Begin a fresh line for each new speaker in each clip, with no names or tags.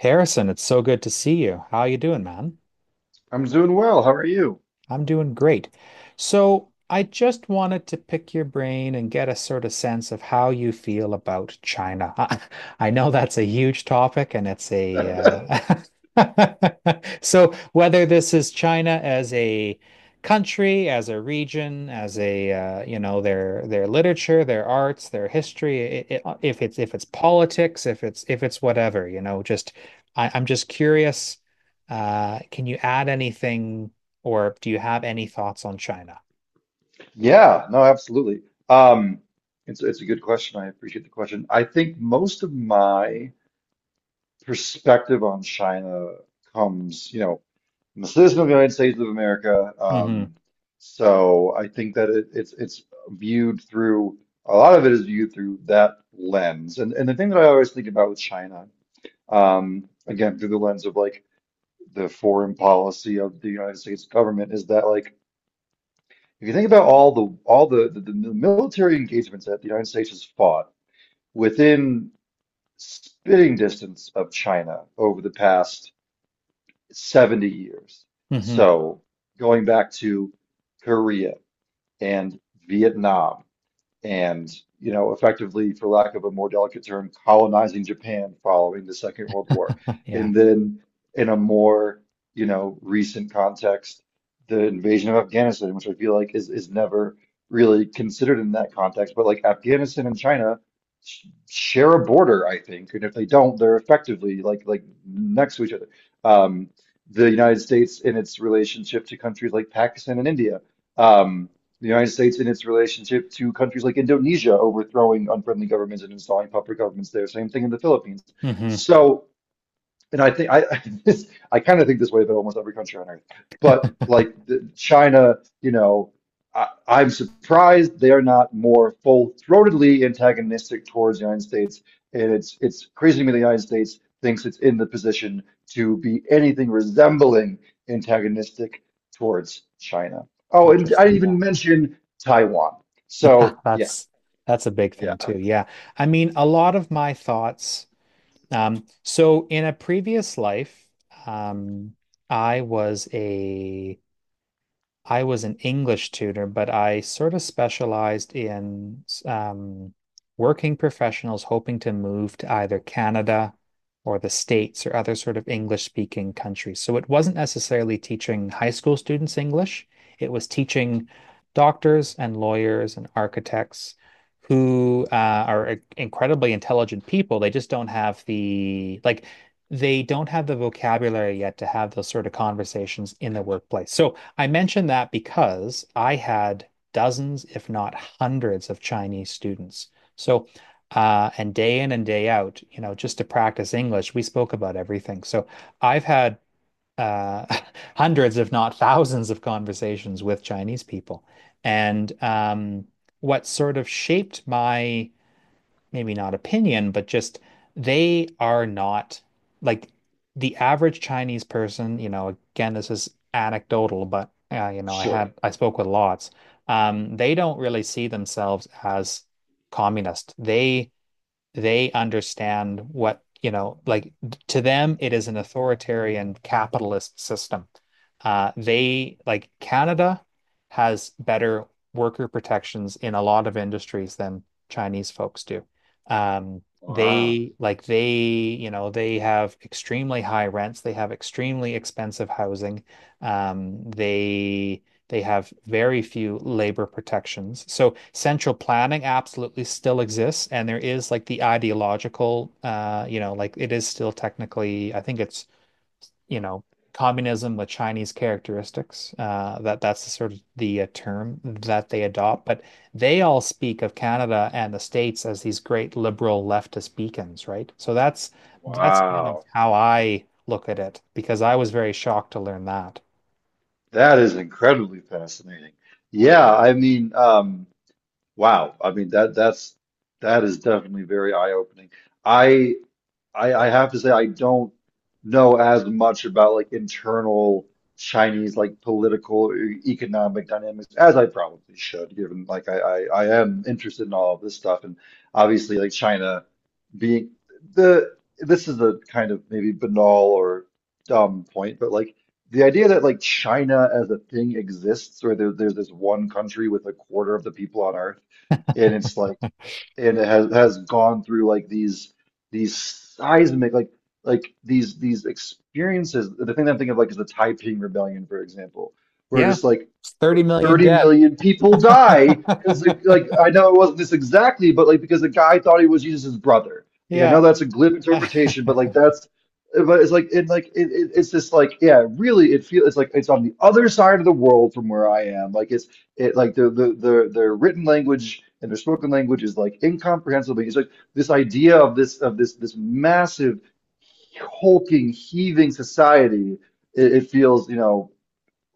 Harrison, it's so good to see you. How you doing, man?
I'm doing well. How are you?
I'm doing great. So I just wanted to pick your brain and get a sort of sense of how you feel about China. I know that's a huge topic and it's a uh, so whether this is China as a country, as a region, as a you know, their literature, their arts, their history, I if it's politics, if it's whatever, you know, just I'm just curious. Can you add anything? Or do you have any thoughts on China?
Yeah, no, absolutely. Um, it's a good question. I appreciate the question. I think most of my perspective on China comes, you know, I'm a citizen of the United States of America.
Mm-hmm.
So I think that it's viewed through a lot of it is viewed through that lens. And the thing that I always think about with China, again, through the lens of like the foreign policy of the United States government is that like if you think about all the military engagements that the United States has fought within spitting distance of China over the past 70 years.
Mm-hmm.
So going back to Korea and Vietnam, and you know, effectively, for lack of a more delicate term, colonizing Japan following the Second World War,
Yeah.
and then in a more, you know, recent context, the invasion of Afghanistan, which I feel like is never really considered in that context. But like Afghanistan and China sh share a border, I think, and if they don't, they're effectively like next to each other. um the United States in its relationship to countries like Pakistan and India. Um, the United States in its relationship to countries like Indonesia, overthrowing unfriendly governments and installing puppet governments there. Same thing in the Philippines.
Mm-hmm.
So, and I think this, I kind of think this way about almost every country on earth. But like, the, China, you know, I, I'm surprised they're not more full-throatedly antagonistic towards the United States. And it's crazy to me the United States thinks it's in the position to be anything resembling antagonistic towards China. Oh, and I didn't
Interesting. Yeah.
even mention Taiwan.
Yeah.
So yeah,
That's a big
yeah,
thing too. Yeah. I mean, a lot of my thoughts. So in a previous life, um, I was a I was an English tutor, but I sort of specialized in working professionals hoping to move to either Canada or the States or other sort of English speaking countries. So it wasn't necessarily teaching high school students English, it was teaching doctors and lawyers and architects who are incredibly intelligent people. They just don't have the, like, they don't have the vocabulary yet to have those sort of conversations in the workplace. So I mention that because I had dozens, if not hundreds, of Chinese students. So, and day in and day out, you know, just to practice English, we spoke about everything. So I've had uh, hundreds, if not thousands, of conversations with Chinese people. And what sort of shaped my maybe not opinion, but just they are not like the average Chinese person, you know, again, this is anecdotal, but you know, I had
sure.
I spoke with lots. They don't really see themselves as communist. They understand what, you know, like to them, it is an authoritarian capitalist system. They like Canada has better worker protections in a lot of industries than Chinese folks do.
Wow.
They like they, you know, they have extremely high rents. They have extremely expensive housing. Um, they they have very few labor protections. So central planning absolutely still exists, and there is like the ideological, you know, like it is still technically, I think it's, you know, communism with Chinese characteristics. That that's the sort of the term that they adopt. But they all speak of Canada and the States as these great liberal leftist beacons, right? So that's kind of
Wow.
how I look at it because I was very shocked to learn that.
That is incredibly fascinating. Yeah, I mean, wow. I mean that's that is definitely very eye-opening. I. I have to say I don't know as much about like internal Chinese like political or economic dynamics as I probably should, given like I am interested in all of this stuff, and obviously like China being the, this is a kind of maybe banal or dumb point, but like the idea that like China as a thing exists. Or there's this one country with a quarter of the people on Earth, and it's like, and it has gone through like these seismic like like these experiences. The thing that I'm thinking of like is the Taiping Rebellion, for example, where
Yeah,
just like
30 million
30
dead.
million people die because, like, I know it wasn't this exactly, but like because the guy thought he was Jesus' brother. Like I
Yeah.
know that's a glib interpretation, but like that's, but it's like it like it's this like, yeah, really, it feels it's like it's on the other side of the world from where I am, like it's, it like the their written language and their spoken language is like incomprehensible. It's like this idea of this of this massive, hulking, heaving society. It feels, you know,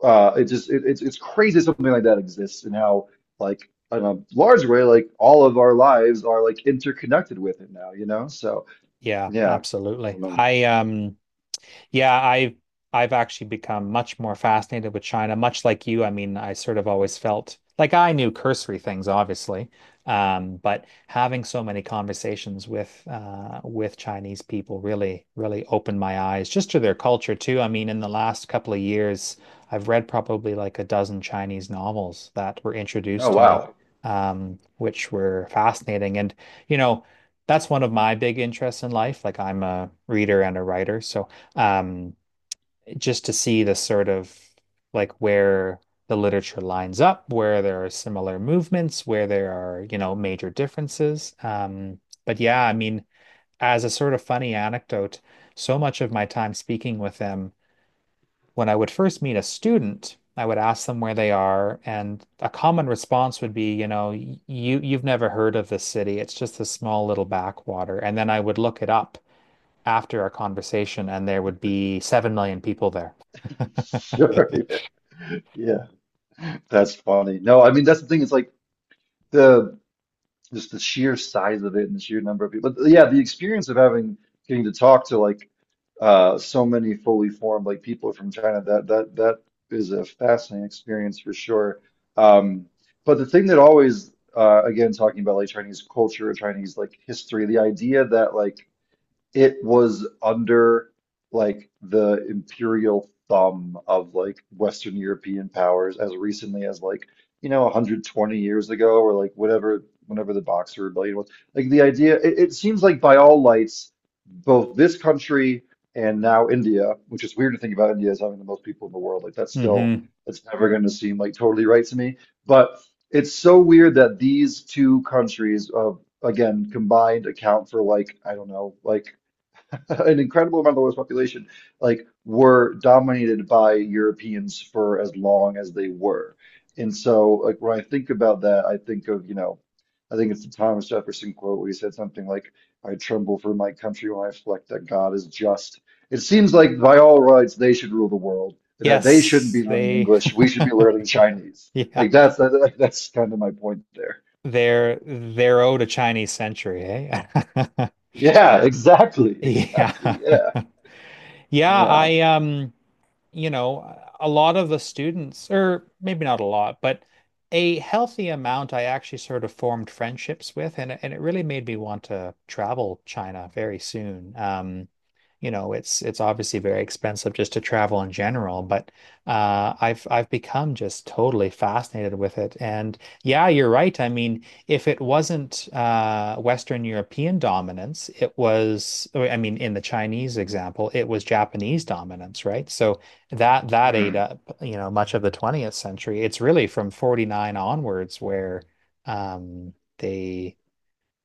it just it, it's crazy something like that exists, and how, like, in a large way, like all of our lives are like interconnected with it now, you know? So
Yeah,
yeah, I
absolutely.
don't know.
I. Yeah, I've actually become much more fascinated with China, much like you. I mean, I sort of always felt like I knew cursory things, obviously, but having so many conversations with Chinese people really, really opened my eyes just to their culture too. I mean, in the last couple of years, I've read probably like a dozen Chinese novels that were
Oh
introduced to me,
wow.
which were fascinating. And you know, that's one of my big interests in life. Like I'm a reader and a writer, so um, just to see the sort of like where the literature lines up, where there are similar movements, where there are, you know, major differences. But yeah, I mean, as a sort of funny anecdote, so much of my time speaking with them, when I would first meet a student, I would ask them where they are, and a common response would be, you know, you've never heard of this city. It's just a small little backwater. And then I would look it up after our conversation, and there would be 7 million people there.
Sure. Yeah. That's funny. No, I mean, that's the thing. It's like, the, just the sheer size of it and the sheer number of people. But yeah, the experience of having, getting to talk to like so many fully formed like people from China, that is a fascinating experience for sure. Um, but the thing that always again, talking about like Chinese culture or Chinese like history, the idea that like it was under like the imperial thumb of like Western European powers as recently as like, you know, 120 years ago, or like whatever, whenever the Boxer Rebellion was. Like the idea, it seems like by all lights, both this country, and now India, which is weird to think about India as having the most people in the world. Like that's still,
Mm-hmm.
that's never going to seem like totally right to me. But it's so weird that these two countries, of, again, combined account for like, I don't know, like an incredible amount of the world's population, like, were dominated by Europeans for as long as they were. And so, like, when I think about that, I think of, you know, I think it's the Thomas Jefferson quote where he said something like, "I tremble for my country when I reflect that God is just." It seems like by all rights they should rule the world, and that they shouldn't
Yes,
be learning
they
English. We should be learning Chinese.
yeah,
Like that's kind of my point there.
they're owed a Chinese century, eh?
Yeah, exactly,
Yeah.
exactly. Yeah,
Yeah,
yeah.
I. You know, a lot of the students, or maybe not a lot, but a healthy amount I actually sort of formed friendships with, and it really made me want to travel China very soon. You know, it's obviously very expensive just to travel in general, but I've become just totally fascinated with it. And yeah, you're right. I mean, if it wasn't Western European dominance, it was, I mean, in the Chinese example, it was Japanese dominance, right? So that ate
Hmm.
up, you know, much of the 20th century. It's really from 49 onwards where um, they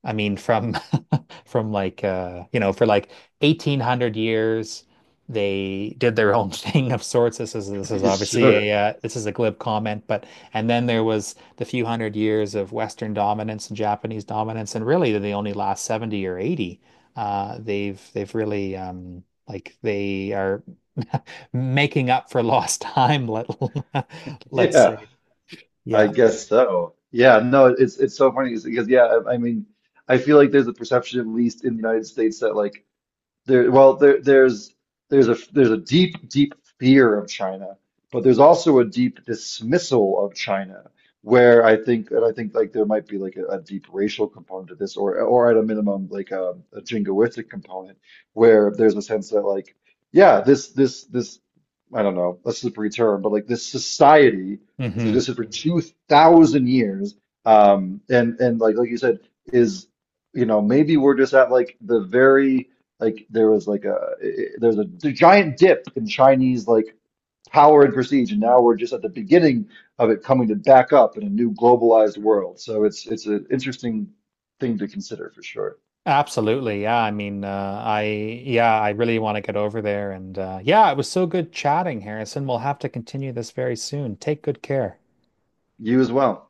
from from like you know, for like 1800 years, they did their own thing of sorts. This is obviously
sure.
a this is a glib comment, but and then there was the few hundred years of Western dominance and Japanese dominance, and really the only last 70 or 80, they've really like they are making up for lost time, let let's
Yeah,
say.
I
Yeah.
guess so. Yeah, no, it's so funny because yeah, I mean, I feel like there's a perception, at least in the United States, that like well, there's a there's a deep, deep fear of China, but there's also a deep dismissal of China, where I think, and I think like there might be like a deep racial component to this, or at a minimum like a jingoistic component, where there's a sense that like, yeah, this I don't know, that's a slippery term, but like this society that's
Mhm.
existed for 2,000 years, and and like you said, is, you know, maybe we're just at like the very, like there was like there's a, the giant dip in Chinese like power and prestige, and now we're just at the beginning of it coming to back up in a new globalized world. So it's an interesting thing to consider for sure.
Absolutely. Yeah. I mean, yeah, I really want to get over there. And yeah, it was so good chatting, Harrison. We'll have to continue this very soon. Take good care.
You as well.